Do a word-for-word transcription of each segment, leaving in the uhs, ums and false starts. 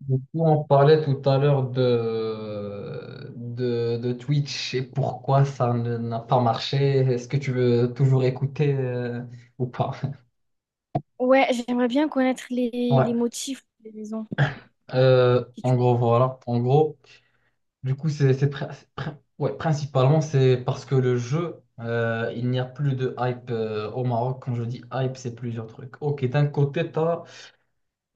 Du coup, on parlait tout à l'heure de, de, de Twitch et pourquoi ça ne- n'a pas marché. Est-ce que tu veux toujours écouter euh, ou pas? Ouais, j'aimerais bien connaître les, les Ouais. motifs des maisons. Euh, si en tu- gros, voilà. En gros, du coup, c'est c'est pri- pri- ouais, principalement c'est parce que le jeu, euh, il n'y a plus de hype euh, au Maroc. Quand je dis hype, c'est plusieurs trucs. Ok, d'un côté, t'as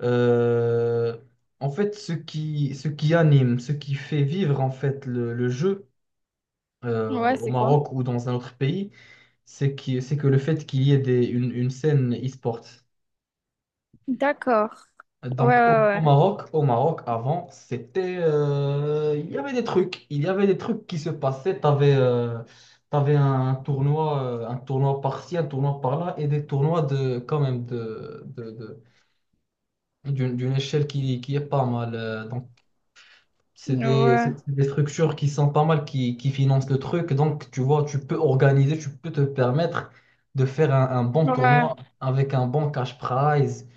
euh, en fait ce qui, ce qui anime, ce qui fait vivre en fait le le jeu euh, Ouais, au c'est quoi? Maroc ou dans un autre pays, c'est que, c'est que le fait qu'il y ait des, une, une scène e-sport. D'accord. Ouais, Donc au, au ouais, Maroc, au Maroc, avant, c'était, euh, il y avait des trucs, il y avait des trucs qui se passaient. T'avais, euh, t'avais un tournoi, euh, un tournoi par-ci, un tournoi par-là, et des tournois de, quand même de, de, de- d'une, d'une échelle qui, qui est pas mal. euh, donc C'est des, ouais. c'est- c'est des structures qui sont pas mal, qui, qui financent le truc. Donc, tu vois, tu peux organiser, tu peux te permettre de faire un, un bon Ouais. Ouais. tournoi avec un bon cash prize.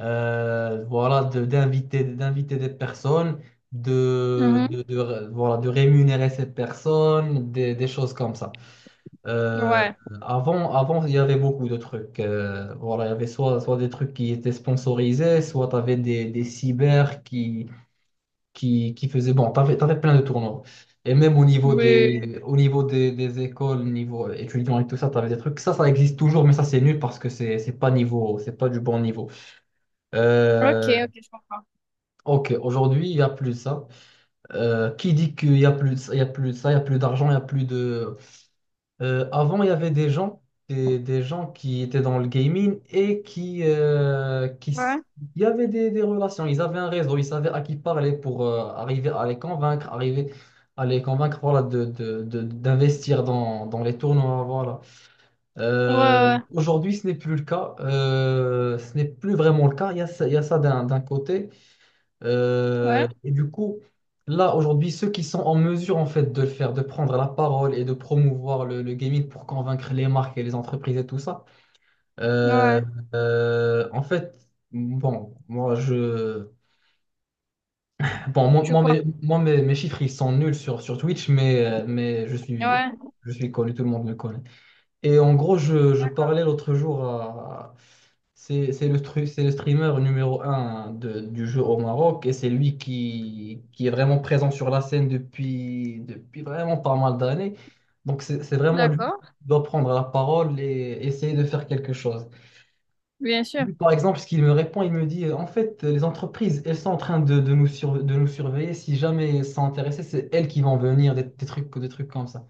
Euh, voilà, de- d'inviter, d'inviter des personnes, de, de, Mhm. de ré- voilà, de rémunérer ces personnes, des, des choses comme ça. Euh, Ouais. avant, avant, il y avait beaucoup de trucs. Euh, voilà, il y avait soit, soit des trucs qui étaient sponsorisés, soit tu avais des, des cyber qui qui, qui faisait bon, t'avais, t'avais plein de tournois. Et même au niveau Oui. des, au niveau des, des écoles, niveau étudiants et tout ça, t'avais des trucs. Ça, ça existe toujours, mais ça, c'est nul parce que c'est, c'est pas niveau, c'est pas du bon niveau. Ok, Euh, ok, je comprends. ok, aujourd'hui, il y a plus de ça. Euh, qui dit qu'il y a plus, de ça- il y a plus de ça, il y a plus d'argent, il y a plus de. Euh, avant, il y avait des gens, des, des gens qui étaient dans le gaming et qui, euh, qui Ouais. s- il y avait des, des relations, ils avaient un réseau, ils savaient à qui parler pour euh, arriver à les convaincre, arriver à les convaincre voilà, de, de- de- d'investir dans, dans les tournois. Voilà. Euh, Ouais, aujourd'hui, ce n'est plus le cas. Euh, ce n'est plus vraiment le cas, il y a ça, il y a ça d'un, d'un côté. Euh, ouais. et du coup, là, aujourd'hui, ceux qui sont en mesure, en fait, de le faire, de prendre la parole et de promouvoir le, le gaming pour convaincre les marques et les entreprises et tout ça, Ouais. euh, Ouais. euh, en fait, bon, moi, je... Bon, moi, Tu veux moi, quoi? mes, moi, mes- mes chiffres, ils sont nuls sur, sur Twitch, mais, euh, mais je suis, Ouais. je suis connu, tout le monde me connaît. Et en gros, je, je D'accord. parlais l'autre jour à c'est c'est le, stru- c'est le streamer numéro un de- du jeu au Maroc et c'est lui qui, qui est vraiment présent sur la scène depuis, depuis vraiment pas mal d'années. Donc c'est c'est vraiment lui qui D'accord. doit prendre la parole et essayer de faire quelque chose. Bien sûr. Lui, par exemple, ce qu'il me répond, il me dit, en fait, les entreprises, elles sont en train de, de nous, sur- de nous surveiller. Si jamais elles sont intéressées, c'est elles qui vont venir, des, des trucs, des trucs comme ça.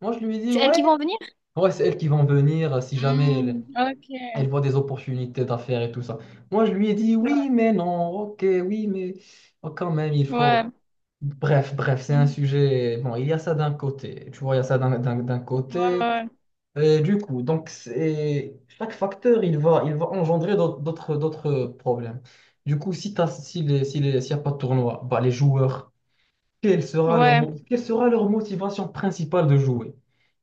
Moi, je lui dis, C'est elles ouais, qui vont venir? ouais, c'est elles qui vont venir si Hmm, jamais... ok. Elle voit des opportunités d'affaires et tout ça. Moi, je lui ai dit, oui, Ouais. mais non, ok, oui, mais oh, quand même, il faut... Ouais. Bref, bref, c'est un Mhm. sujet... Bon, il y a ça d'un côté, tu vois, il y a ça d'un d'un- d'un Ouais, côté. ouais. Euh, du coup, donc, c'est... Chaque facteur, il va, il va engendrer d'aut- d'autres d'autres problèmes. Du coup, si t'as, si les, si les, s'il n'y a pas de tournoi, bah, les joueurs, quelle Ouais. sera leur, Ouais. mo- quelle sera leur motivation principale de jouer?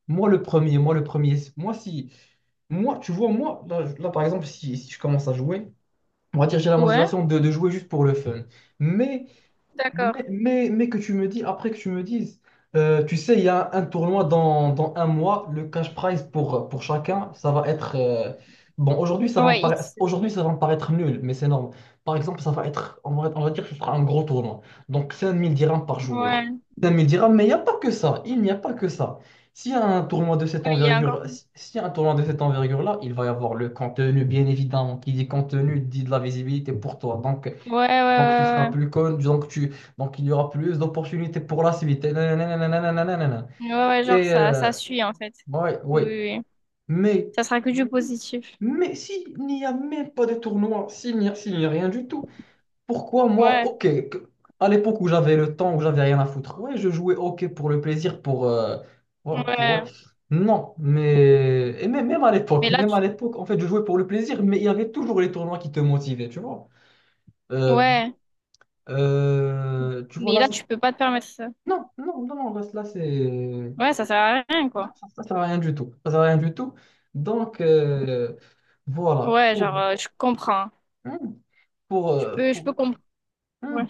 Moi, le premier, moi, le premier, moi, si... Moi, tu vois, moi, là, je- là, par exemple, si, si je commence à jouer, on va dire j'ai la Ouais. motivation de, de jouer juste pour le fun. Mais D'accord. mais, mais, mais que tu me dis, après que tu me dises, euh, tu sais, il y a un, tournoi dans, dans un mois, le cash prize pour, pour chacun, ça va être... euh, bon, aujourd'hui, ça va me Ouais, paraître, X. aujourd'hui, ça va me paraître nul, mais c'est énorme. Par exemple, ça va être, on va, on va dire que ce sera un gros tournoi. Donc, cinq mille dirhams par joueur. Ouais. Cinq mille dirhams, mais il n'y a pas que ça. Il n'y a pas que ça. S'il y a un tournoi de cette Ouais, il y a encore envergure, plus. si- s'il y a un tournoi de cette envergure-là, il va y avoir le contenu, bien évidemment. Qui dit contenu, dit de la visibilité pour toi. Donc, Ouais, ouais, ouais, donc tu seras ouais, plus ouais. con, donc tu, donc il y aura plus d'opportunités pour la suite. Et nanana, nanana, nanana. Ouais, ouais, genre Et, ça, ça euh, suit en fait. bon, ouais, Oui, ouais. oui, oui. Mais, Ça sera que du positif. mais s'il n'y a même pas de tournoi, s'il n'y a, s'il n'y a rien du tout, pourquoi moi, Ouais, ok, que- à l'époque où j'avais le temps, où j'avais rien à foutre, ouais, je jouais ok pour le plaisir, pour, euh, ouais, pour- ouais. ouais. Non, mais et même, même à l'époque, Mais là, même tu... à l'époque, en fait, je jouais pour le plaisir, mais il y avait toujours les tournois qui te motivaient, tu vois. Euh, ouais. euh, tu vois Mais là, là, tu c'est- peux pas te permettre ça. Non, non, non, non, là, là, c'est... Ouais, ça sert à rien, Non, quoi. ça ça sert à rien du tout. Ça sert à rien du tout. Donc, euh, voilà. Ouais, genre, Pour... euh, je comprends. Hmm. Pour, Je euh, peux, je pour- peux comprendre. Ouais, hmm.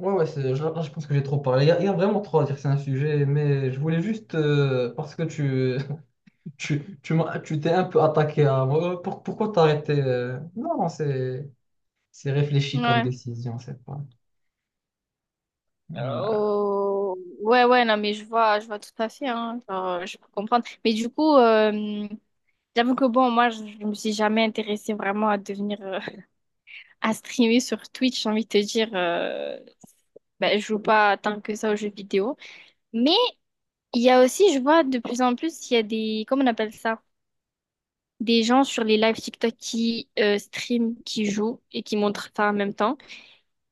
Ouais, ouais, c'est- je- là, je pense que j'ai trop parlé. Il y a, il y a vraiment trop à dire, c'est un sujet, mais je voulais juste... euh, parce que tu tu, tu m'as- tu t'es un peu attaqué à moi. Euh, Pour- pourquoi t'as arrêté euh, non, non, c'est... C'est réfléchi comme ouais. décision, c'est pas... Voilà. Euh, Ouais, ouais, non, mais je vois, je vois tout à fait, hein. Genre, euh, je peux comprendre. Mais du coup, euh, j'avoue que bon, moi, je, je me suis jamais intéressée vraiment à devenir, euh, à streamer sur Twitch, j'ai envie de te dire, euh, ben, je joue pas tant que ça aux jeux vidéo. Mais il y a aussi, je vois de plus en plus, il y a des, comment on appelle ça? Des gens sur les lives TikTok qui euh, stream, qui jouent et qui montrent ça en même temps.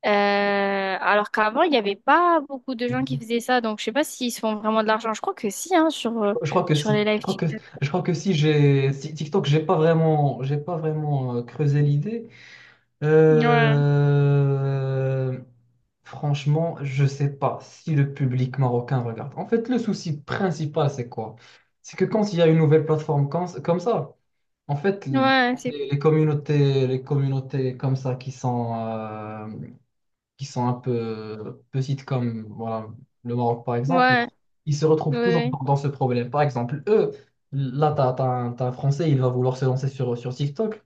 Euh, alors qu'avant, il n'y avait pas beaucoup de gens qui faisaient ça, donc je sais pas s'ils se font vraiment de l'argent. Je crois que si, hein, sur, euh, Je crois que sur les si. Je lives crois que, TikTok. je crois que si j'ai si TikTok, j'ai pas vraiment, j'ai pas vraiment euh, creusé l'idée. Ouais, Euh, Franchement, je sais pas si le public marocain regarde. En fait, le souci principal, c'est quoi? C'est que quand il y a une nouvelle plateforme comme, comme ça, en fait, les, ouais, c'est, les communautés, les communautés comme ça qui sont, euh, qui sont un peu petites comme voilà, le Maroc par exemple, ouais, ils se retrouvent toujours ouais, dans dans ce problème. Par exemple, eux, là, t'as, t'as un, t'as un Français, il va vouloir se lancer sur, sur TikTok.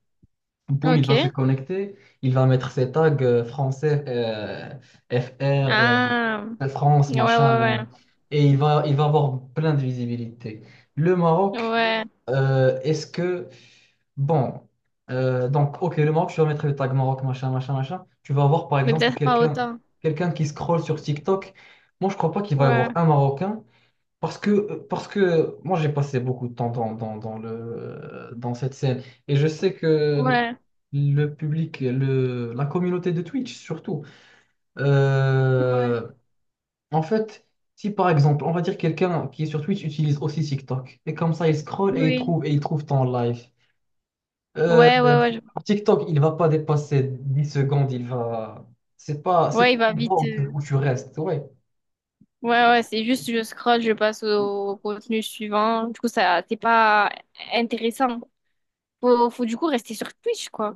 ouais, Boum, il va se ok. connecter, il va mettre ses tags euh, français, euh, F R, Ah, euh, France, ouais, machin, ouais, nanana. Et il va, il va avoir plein de visibilité. Le ouais, Maroc, ouais, euh, est-ce que bon, euh, donc, ok, le Maroc, tu vas mettre le tag Maroc, machin, machin, machin. Tu vas avoir, par mais exemple, peut-être pas quelqu'un autant. quelqu'un qui scrolle sur TikTok. Moi, je crois pas qu'il va y Ouais, avoir un Marocain parce que, euh, parce que moi, j'ai passé beaucoup de temps dans, dans, dans le, dans cette scène et je sais que ouais, le public, le, la communauté de Twitch, surtout, ouais, euh, en fait, si par exemple, on va dire quelqu'un qui est sur Twitch utilise aussi TikTok et comme ça, il scrolle et il oui, trouve, et il trouve ton live. Euh, ouais, ouais, ouais, je- sur TikTok, il va pas dépasser dix secondes, il va. C'est pas, c'est ouais, pas il va un endroit vite. où tu, euh, où tu restes, ouais. Ouais, ouais, c'est juste je scrolle, je passe au contenu suivant. Du coup, ça, c'est pas intéressant. Faut, faut du coup rester sur Twitch, quoi.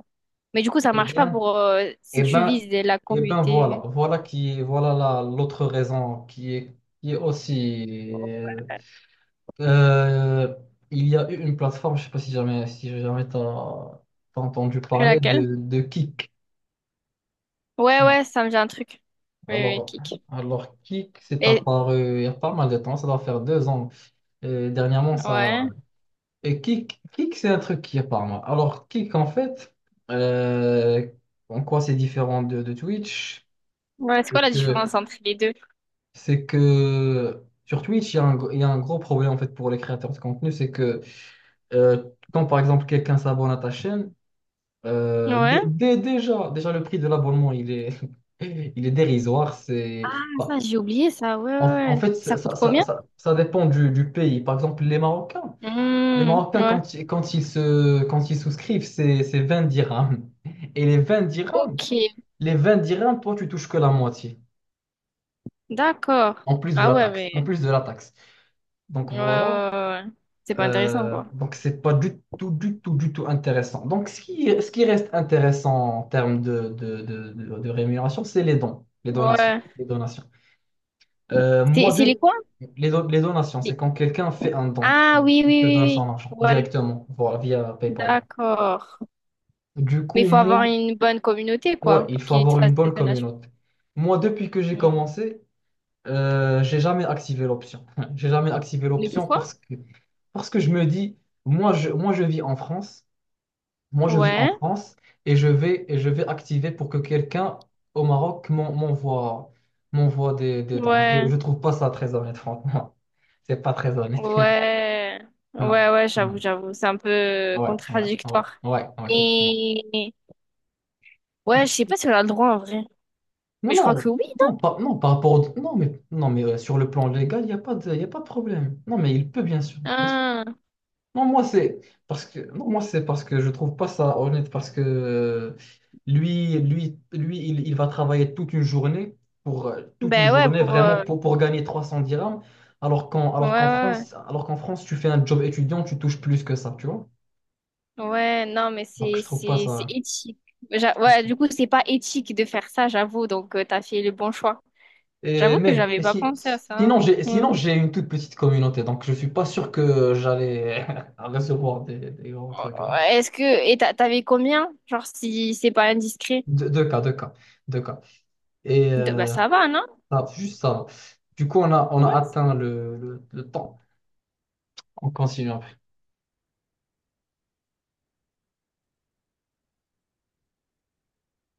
Mais du coup, ça Eh marche pas bien, pour euh, si eh tu ben, vises la eh ben voilà, communauté. voilà qui, voilà la- l'autre raison qui est, qui est aussi. euh, euh, il y a eu une plateforme, je sais pas si jamais, si jamais t'as, t'as entendu C'est parler laquelle? de, de Kick. Ouais, Non. ouais, ça me dit un truc. Oui, oui, Alors, kick. alors Kick, c'est Et apparu il y a pas mal de temps, ça doit faire deux ans. Et dernièrement, ça, ouais. et kick, kick, c'est un truc qui est par moi. Alors, kick, en fait, euh, en quoi c'est différent de, de Twitch? Ouais, c'est C'est quoi la que, différence entre les deux? c'est que sur Twitch, il y a un, gr- il y a un gros problème en fait pour les créateurs de contenu. C'est que euh, quand par exemple quelqu'un s'abonne à ta chaîne, euh, Ouais. dé- dé- déjà, déjà le prix de l'abonnement, il est, il est dérisoire. C'est, Ah, bah, ça, j'ai oublié ça. Ouais, en, en ouais, ouais. fait, Ça ça, coûte ça, ça, combien? ça- ça dépend du, du pays. Par exemple, les Marocains. Les Hmm, Marocains, ouais. quand, ils- quand ils se, quand ils souscrivent, c'est, c'est vingt dirhams. Et les vingt dirhams, Ok, les vingt dirhams, toi, tu touches que la moitié, d'accord. en plus de Ah la ouais, taxe, en mais. plus de la taxe. Ouais, Donc ouais, voilà, ouais, ouais. C'est pas intéressant, Euh, quoi. donc c'est pas du tout, du tout, du tout intéressant. Donc ce qui, ce qui reste intéressant en termes de, de, de, de- de rémunération, c'est les dons, les donations, Ouais. les donations. Euh, C'est moi, c'est les deux, quoi? les, do- les donations, c'est Les- quand quelqu'un fait un don, Ah il oui, oui, te oui, donne son argent oui. Ouais, directement, voilà, via PayPal. d'accord. Du Mais il coup, faut moi, avoir une bonne communauté, ouais, quoi, il pour faut qu'ils te avoir fassent une bonne des donations. communauté. Moi, depuis que j'ai Mm. commencé, euh, j'ai jamais activé l'option. J'ai jamais activé Mais l'option pourquoi? parce que, parce que je me dis, moi je, moi, je vis en France, moi, je vis en Ouais, France et je vais, et je vais activer pour que quelqu'un au Maroc m'en- m'envoie, m'envoie des, des dons. Je, ouais, je trouve pas ça très honnête, franchement. C'est pas très honnête. ouais, Non, ouais, ouais, non. j'avoue, j'avoue. C'est un peu Ouais, ouais, ouais, contradictoire. ouais, ouais, faut- ouais. Mais ouais, je sais pas si on a le droit en vrai. Non, Mais je crois que non, oui. non, pas, non, par rapport au- non, mais, non, mais euh, sur le plan légal, il n'y a pas de, y a pas de problème. Non, mais il peut, bien sûr. Bien sûr. Ah, Non, moi, c'est parce que, non, moi, c'est parce que je trouve pas ça honnête, parce que euh, lui, lui, lui il, il va travailler toute une journée, pour, euh, toute une ben ouais, journée, pour. vraiment, euh, pour, pour gagner trois cents dirhams, alors qu'en, Ouais, alors qu'en ouais, France, alors qu'en France, tu fais un job étudiant, tu touches plus que ça, tu vois. ouais. Ouais, non, mais Donc, c'est je trouve pas c'est c'est ça. éthique. J'a- Ouais, du coup, c'est pas éthique de faire ça, j'avoue. Donc, euh, t'as fait le bon choix. Et J'avoue que même, j'avais et pas si, pensé à ça. sinon, j'ai, Ouais. sinon, j'ai une toute petite communauté, donc je suis pas sûr que j'allais recevoir des, des grands trucs. Oh, est-ce que... Et t'a- t'avais combien? Genre, si c'est pas indiscret. Deux, deux cas, deux cas, deux cas. Et De- Bah, euh, ça va, non? ça, juste ça. Du coup, on a, on a Ouais. atteint le, le, le temps. On continue après.